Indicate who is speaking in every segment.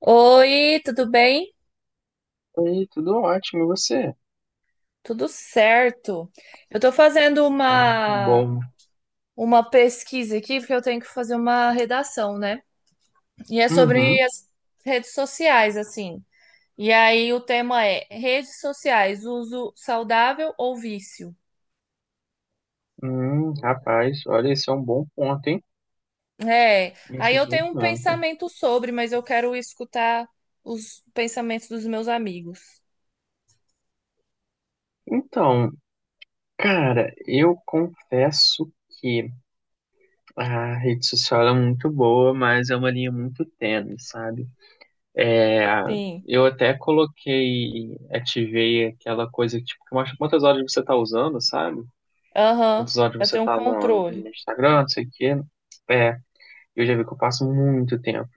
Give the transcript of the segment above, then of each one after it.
Speaker 1: Oi, tudo bem?
Speaker 2: Oi, tudo ótimo, e você?
Speaker 1: Tudo certo. Eu tô fazendo
Speaker 2: Ah, que
Speaker 1: uma
Speaker 2: bom.
Speaker 1: uma pesquisa aqui porque eu tenho que fazer uma redação, né? E é sobre
Speaker 2: Uhum.
Speaker 1: as redes sociais, assim. E aí o tema é redes sociais, uso saudável ou vício?
Speaker 2: Rapaz, olha, esse é um bom ponto, hein?
Speaker 1: É.
Speaker 2: Esse
Speaker 1: Aí
Speaker 2: é um
Speaker 1: eu
Speaker 2: bom
Speaker 1: tenho um
Speaker 2: ponto.
Speaker 1: pensamento sobre, mas eu quero escutar os pensamentos dos meus amigos.
Speaker 2: Então, cara, eu confesso que a rede social é muito boa, mas é uma linha muito tênue, sabe? É,
Speaker 1: Sim.
Speaker 2: eu até coloquei, ativei aquela coisa tipo, que mostra quantas horas você tá usando, sabe?
Speaker 1: Aham.
Speaker 2: Quantas horas
Speaker 1: Pra
Speaker 2: você
Speaker 1: ter um
Speaker 2: tá no
Speaker 1: controle.
Speaker 2: Instagram, não sei o quê. É, eu já vi que eu passo muito tempo.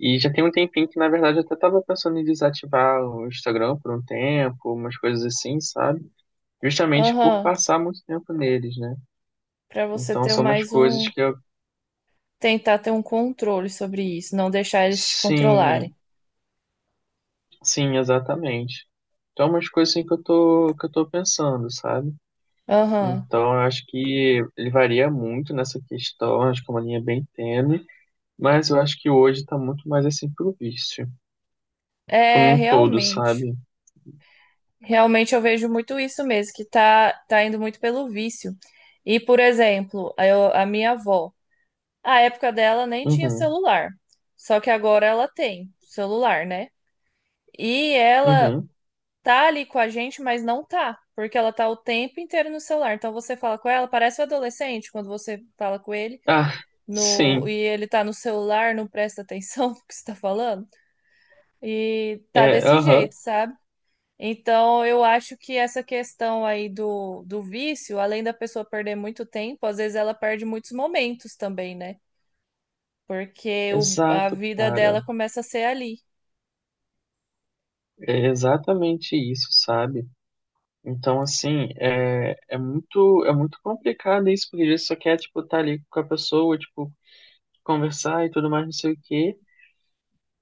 Speaker 2: E já tem um tempinho que, na verdade, eu até tava pensando em desativar o Instagram por um tempo, umas coisas assim, sabe? Justamente por
Speaker 1: Aham.
Speaker 2: passar muito tempo neles, né?
Speaker 1: Pra você
Speaker 2: Então
Speaker 1: ter
Speaker 2: são umas
Speaker 1: mais
Speaker 2: coisas
Speaker 1: um
Speaker 2: que eu.
Speaker 1: tentar ter um controle sobre isso, não deixar eles te
Speaker 2: Sim,
Speaker 1: controlarem.
Speaker 2: sim, exatamente. Então, é umas coisas assim que eu tô pensando, sabe?
Speaker 1: Aham.
Speaker 2: Então, eu acho que ele varia muito nessa questão, acho que é uma linha bem tênue, mas eu acho que hoje tá muito mais assim pro vício, tipo,
Speaker 1: É,
Speaker 2: num todo,
Speaker 1: realmente.
Speaker 2: sabe?
Speaker 1: Realmente eu vejo muito isso mesmo, que tá, tá indo muito pelo vício. E, por exemplo, a minha avó, a época dela nem tinha
Speaker 2: Uhum,
Speaker 1: celular. Só que agora ela tem celular, né? E ela
Speaker 2: uhum.
Speaker 1: tá ali com a gente, mas não tá, porque ela tá o tempo inteiro no celular. Então você fala com ela, parece um adolescente quando você fala com ele.
Speaker 2: Ah,
Speaker 1: No,
Speaker 2: sim.
Speaker 1: e ele tá no celular, não presta atenção no que você tá falando, e tá
Speaker 2: É,
Speaker 1: desse
Speaker 2: aham.
Speaker 1: jeito, sabe? Então, eu acho que essa questão aí do, do vício, além da pessoa perder muito tempo, às vezes ela perde muitos momentos também, né? Porque a
Speaker 2: Exato,
Speaker 1: vida
Speaker 2: cara.
Speaker 1: dela começa a ser ali.
Speaker 2: É exatamente isso, sabe? Então, assim, é muito, é muito complicado isso, porque ele só quer, tipo, estar ali com a pessoa, tipo, conversar e tudo mais, não sei o quê,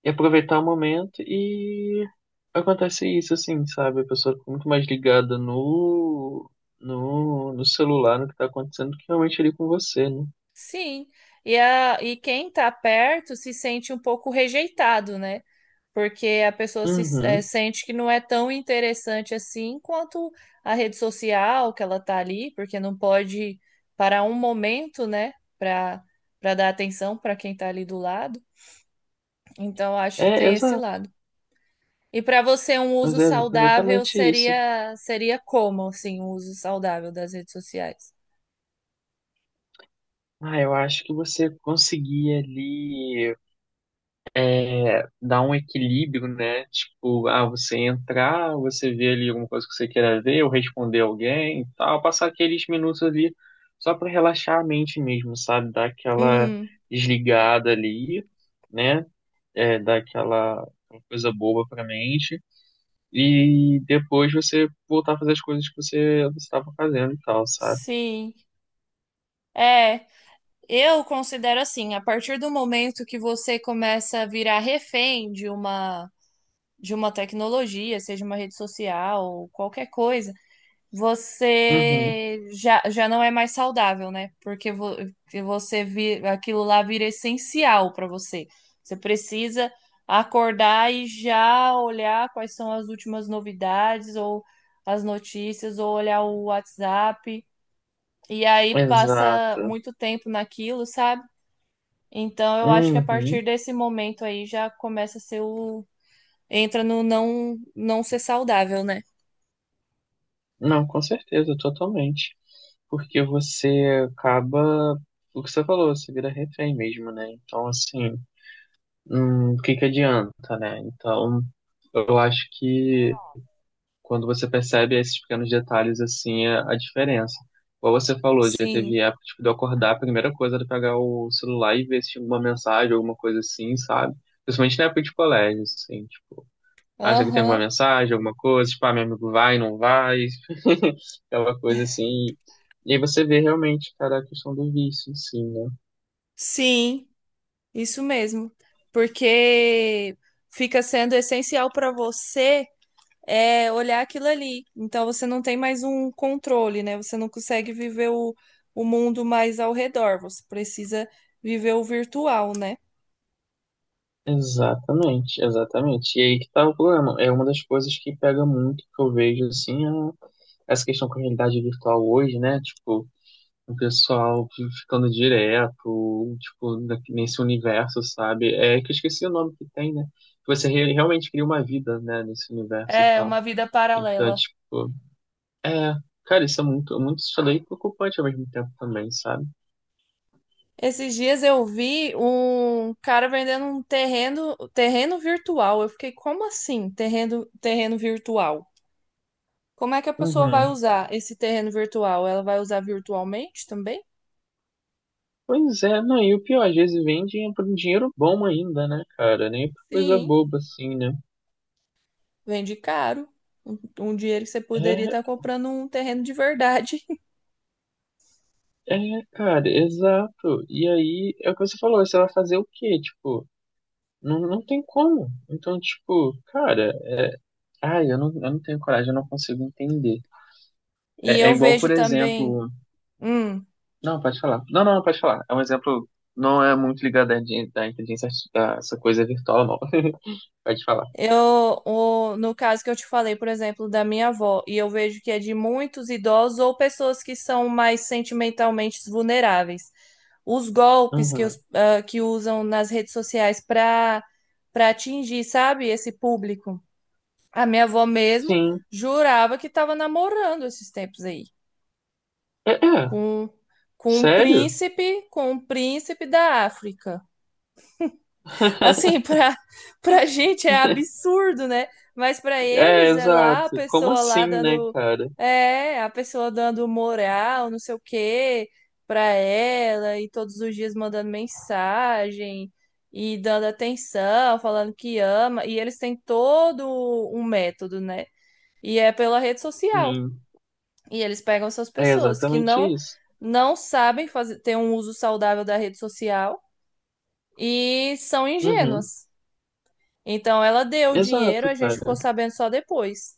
Speaker 2: e aproveitar o momento, e acontece isso, assim, sabe? A pessoa fica muito mais ligada no celular, no que tá acontecendo, do que realmente ali com você, né?
Speaker 1: Sim. E, e quem tá perto se sente um pouco rejeitado, né? Porque a pessoa se
Speaker 2: Uhum.
Speaker 1: sente que não é tão interessante assim quanto a rede social que ela está ali, porque não pode parar um momento, né, para para dar atenção para quem está ali do lado. Então acho que
Speaker 2: É,
Speaker 1: tem esse
Speaker 2: exato.
Speaker 1: lado. E para você um uso
Speaker 2: Mas é
Speaker 1: saudável
Speaker 2: exatamente isso.
Speaker 1: seria seria como assim, um uso saudável das redes sociais?
Speaker 2: Ah, eu acho que você conseguia ali dar um equilíbrio, né? Tipo, ah, você entrar, você vê ali alguma coisa que você queira ver, ou responder alguém e tal, passar aqueles minutos ali só pra relaxar a mente mesmo, sabe? Dar aquela
Speaker 1: Uhum,
Speaker 2: desligada ali, né? É, dar aquela coisa boba pra mente, e depois você voltar a fazer as coisas que você estava fazendo e tal, sabe?
Speaker 1: sim. É, eu considero assim, a partir do momento que você começa a virar refém de uma tecnologia, seja uma rede social, ou qualquer coisa,
Speaker 2: Uhum,
Speaker 1: você já não é mais saudável, né? Porque aquilo lá vira essencial para você. Você precisa acordar e já olhar quais são as últimas novidades ou as notícias, ou olhar o WhatsApp. E aí passa
Speaker 2: exato.
Speaker 1: muito tempo naquilo, sabe? Então eu acho que a
Speaker 2: Uhum.
Speaker 1: partir desse momento aí já começa a ser o entra no não ser saudável, né?
Speaker 2: Não, com certeza, totalmente. Porque você acaba, o que você falou, você vira refém mesmo, né? Então, assim, o que que adianta, né? Então, eu acho que quando você percebe esses pequenos detalhes, assim, é a diferença. Como você falou, já
Speaker 1: Sim.
Speaker 2: teve época, tipo, de eu acordar, a primeira coisa era pegar o celular e ver se tinha alguma mensagem, alguma coisa assim, sabe? Principalmente na época de colégio, assim, tipo acha que tem alguma
Speaker 1: Aham.
Speaker 2: mensagem, alguma coisa, tipo, ah, meu amigo vai, não vai, aquela coisa assim. E aí você vê realmente, cara, a questão do vício, sim, né?
Speaker 1: Sim, isso mesmo. Porque fica sendo essencial para você é olhar aquilo ali. Então você não tem mais um controle, né? Você não consegue viver o mundo mais ao redor. Você precisa viver o virtual, né?
Speaker 2: Exatamente, exatamente. E aí que tá o problema. É uma das coisas que pega muito que eu vejo, assim, essa questão com a realidade virtual hoje, né? Tipo, o pessoal ficando direto, tipo, nesse universo, sabe? É que eu esqueci o nome que tem, né? Que você realmente cria uma vida, né, nesse universo e
Speaker 1: É
Speaker 2: tal.
Speaker 1: uma vida
Speaker 2: Então,
Speaker 1: paralela.
Speaker 2: tipo, é, cara, isso é muito, muito estranho e preocupante ao mesmo tempo também, sabe?
Speaker 1: Esses dias eu vi um cara vendendo um terreno virtual. Eu fiquei, como assim, terreno virtual? Como é que a pessoa vai
Speaker 2: Uhum.
Speaker 1: usar esse terreno virtual? Ela vai usar virtualmente também?
Speaker 2: Pois é, não, e o pior, às vezes vendem é por um dinheiro bom ainda, né, cara? Nem por coisa
Speaker 1: Sim,
Speaker 2: boba assim, né?
Speaker 1: vende caro. Um dinheiro que você poderia estar
Speaker 2: É,
Speaker 1: comprando um terreno de verdade.
Speaker 2: é, cara, exato. E aí, é o que você falou, você vai fazer o quê? Tipo, não, não tem como. Então, tipo, cara, ai, eu não tenho coragem, eu não consigo entender.
Speaker 1: E
Speaker 2: É, é
Speaker 1: eu
Speaker 2: igual,
Speaker 1: vejo
Speaker 2: por
Speaker 1: também.
Speaker 2: exemplo.
Speaker 1: Hum.
Speaker 2: Não, pode falar. Não, não, pode falar. É um exemplo, não é muito ligado à inteligência, a essa coisa virtual, não. Pode falar.
Speaker 1: Eu, no caso que eu te falei, por exemplo, da minha avó, e eu vejo que é de muitos idosos ou pessoas que são mais sentimentalmente vulneráveis. Os golpes
Speaker 2: Aham.
Speaker 1: que usam nas redes sociais para para atingir, sabe, esse público. A minha avó mesmo
Speaker 2: Sim.
Speaker 1: jurava que estava namorando esses tempos aí,
Speaker 2: É, é.
Speaker 1: com, com um
Speaker 2: Sério?
Speaker 1: com um príncipe da África. Assim, pra gente é absurdo, né? Mas pra
Speaker 2: É,
Speaker 1: eles é lá a
Speaker 2: exato. Como
Speaker 1: pessoa lá
Speaker 2: assim, né,
Speaker 1: dando.
Speaker 2: cara?
Speaker 1: É, a pessoa dando moral, não sei o quê, pra ela, e todos os dias mandando mensagem e dando atenção, falando que ama. E eles têm todo um método, né? E é pela rede social.
Speaker 2: Sim.
Speaker 1: E eles pegam essas
Speaker 2: É
Speaker 1: pessoas que
Speaker 2: exatamente isso.
Speaker 1: não sabem fazer, ter um uso saudável da rede social e são
Speaker 2: Uhum.
Speaker 1: ingênuas. Então ela deu o dinheiro,
Speaker 2: Exato,
Speaker 1: a gente ficou
Speaker 2: cara.
Speaker 1: sabendo só depois.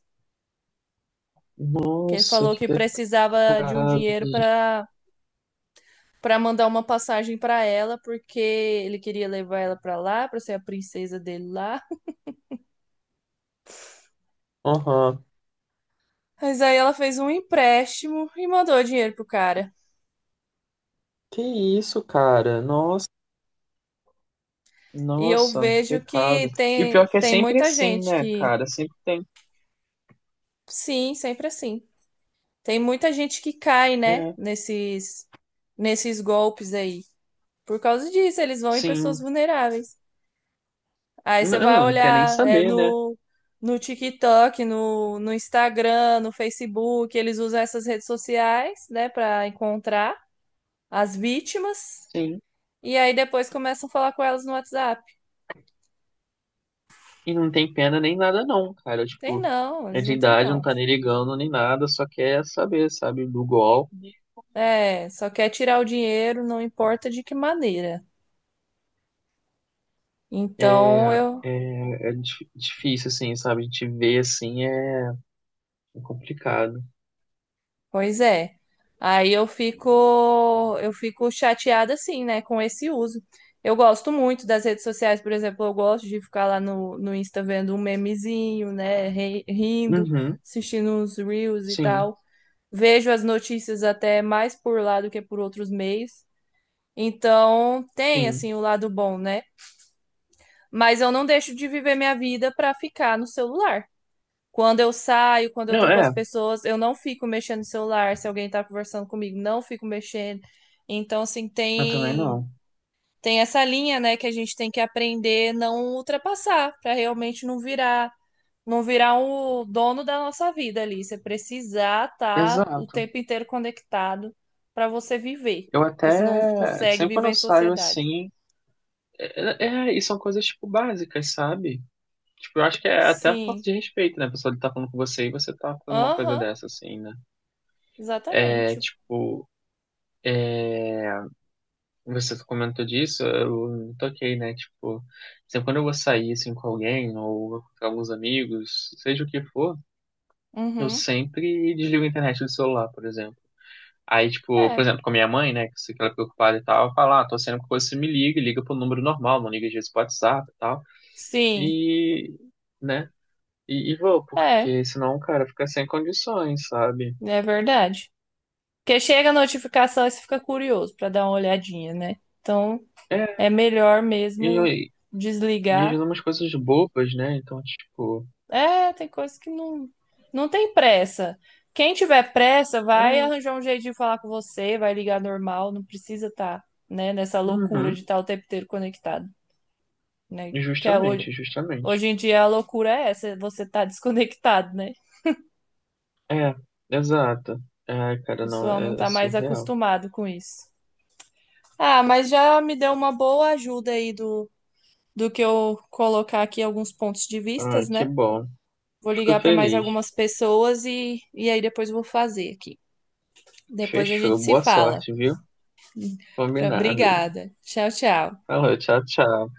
Speaker 1: Que ele
Speaker 2: Nossa,
Speaker 1: falou
Speaker 2: que
Speaker 1: que precisava de um
Speaker 2: pecado.
Speaker 1: dinheiro para para mandar uma passagem para ela, porque ele queria levar ela para lá, para ser a princesa dele lá.
Speaker 2: Aham.
Speaker 1: Mas aí ela fez um empréstimo e mandou o dinheiro pro cara.
Speaker 2: Que isso, cara? Nossa,
Speaker 1: E eu
Speaker 2: nossa, que
Speaker 1: vejo que
Speaker 2: pecado. E o
Speaker 1: tem
Speaker 2: pior é que é
Speaker 1: tem
Speaker 2: sempre
Speaker 1: muita
Speaker 2: assim,
Speaker 1: gente
Speaker 2: né,
Speaker 1: que
Speaker 2: cara? Sempre tem.
Speaker 1: sim, sempre assim. Tem muita gente que cai, né,
Speaker 2: É,
Speaker 1: nesses nesses golpes aí. Por causa disso, eles vão em pessoas
Speaker 2: sim.
Speaker 1: vulneráveis. Aí você
Speaker 2: Não,
Speaker 1: vai
Speaker 2: não quer nem
Speaker 1: olhar
Speaker 2: saber, né?
Speaker 1: no TikTok, no Instagram, no Facebook, eles usam essas redes sociais, né, para encontrar as vítimas.
Speaker 2: Sim.
Speaker 1: E aí depois começam a falar com elas no WhatsApp.
Speaker 2: E não tem pena nem nada não, cara.
Speaker 1: Tem
Speaker 2: Tipo,
Speaker 1: não,
Speaker 2: é
Speaker 1: eles
Speaker 2: de
Speaker 1: não têm
Speaker 2: idade, não
Speaker 1: não.
Speaker 2: tá nem ligando nem nada, só quer saber, sabe, do golpe.
Speaker 1: É, só quer tirar o dinheiro, não importa de que maneira.
Speaker 2: É,
Speaker 1: Então eu
Speaker 2: é, é difícil, assim, sabe? A gente vê, assim, é complicado.
Speaker 1: pois é. Aí eu fico chateada assim, né, com esse uso. Eu gosto muito das redes sociais, por exemplo, eu gosto de ficar lá no Insta vendo um memezinho, né, rindo,
Speaker 2: Uhum,
Speaker 1: assistindo uns reels e
Speaker 2: sim,
Speaker 1: tal. Vejo as notícias até mais por lá do que por outros meios. Então, tem
Speaker 2: sim.
Speaker 1: assim o lado bom, né? Mas eu não deixo de viver minha vida para ficar no celular. Quando eu saio, quando eu
Speaker 2: Não,
Speaker 1: tô com as
Speaker 2: é,
Speaker 1: pessoas, eu não fico mexendo no celular. Se alguém tá conversando comigo, não fico mexendo. Então,
Speaker 2: eu também não.
Speaker 1: tem essa linha, né, que a gente tem que aprender não ultrapassar, pra realmente não virar, não virar o dono da nossa vida ali. Você precisar estar o
Speaker 2: Exato.
Speaker 1: tempo inteiro conectado pra você viver,
Speaker 2: Eu
Speaker 1: porque senão você não
Speaker 2: até,
Speaker 1: consegue
Speaker 2: sempre quando
Speaker 1: viver
Speaker 2: eu
Speaker 1: em
Speaker 2: saio,
Speaker 1: sociedade.
Speaker 2: assim, e são coisas, tipo, básicas, sabe? Tipo, eu acho que é até a falta
Speaker 1: Sim.
Speaker 2: de respeito, né? A pessoa tá falando com você e você tá falando uma coisa
Speaker 1: Aham,
Speaker 2: dessa, assim, né? É,
Speaker 1: exatamente.
Speaker 2: tipo, você comentou disso, eu me toquei, né? Tipo, sempre quando eu vou sair assim com alguém ou com alguns amigos, seja o que for, eu
Speaker 1: Uhum.
Speaker 2: sempre desligo a internet do celular, por exemplo. Aí, tipo, por
Speaker 1: É.
Speaker 2: exemplo, com a minha mãe, né, que ela é preocupada e tal, eu falo, ah, tô sendo que você me liga, e liga pro número normal, não liga às vezes pro WhatsApp e tal.
Speaker 1: Sim.
Speaker 2: E, né, e vou,
Speaker 1: É,
Speaker 2: porque senão, cara, fica sem condições, sabe?
Speaker 1: é verdade. Porque chega a notificação e você fica curioso para dar uma olhadinha, né? Então é
Speaker 2: É,
Speaker 1: melhor
Speaker 2: e,
Speaker 1: mesmo
Speaker 2: e, e às vezes
Speaker 1: desligar.
Speaker 2: umas coisas bobas, né, então, tipo,
Speaker 1: É, tem coisas que não, não tem pressa. Quem tiver pressa vai
Speaker 2: é,
Speaker 1: arranjar um jeito de falar com você, vai ligar normal, não precisa estar, né, nessa loucura
Speaker 2: uhum.
Speaker 1: de estar o tempo inteiro conectado, né? Que
Speaker 2: Justamente, justamente.
Speaker 1: hoje em dia a loucura é essa, você tá desconectado, né?
Speaker 2: É, exato. Ai,
Speaker 1: O
Speaker 2: cara, não,
Speaker 1: pessoal não
Speaker 2: é, é
Speaker 1: tá mais
Speaker 2: surreal.
Speaker 1: acostumado com isso. Ah, mas já me deu uma boa ajuda aí do que eu colocar aqui alguns pontos de
Speaker 2: Ah,
Speaker 1: vistas,
Speaker 2: que
Speaker 1: né?
Speaker 2: bom.
Speaker 1: Vou
Speaker 2: Fico
Speaker 1: ligar para mais
Speaker 2: feliz.
Speaker 1: algumas pessoas e aí depois vou fazer aqui. Depois a gente
Speaker 2: Fechou.
Speaker 1: se
Speaker 2: Boa
Speaker 1: fala.
Speaker 2: sorte, viu? Combinado.
Speaker 1: Obrigada. Tchau, tchau.
Speaker 2: Falou, tchau, tchau.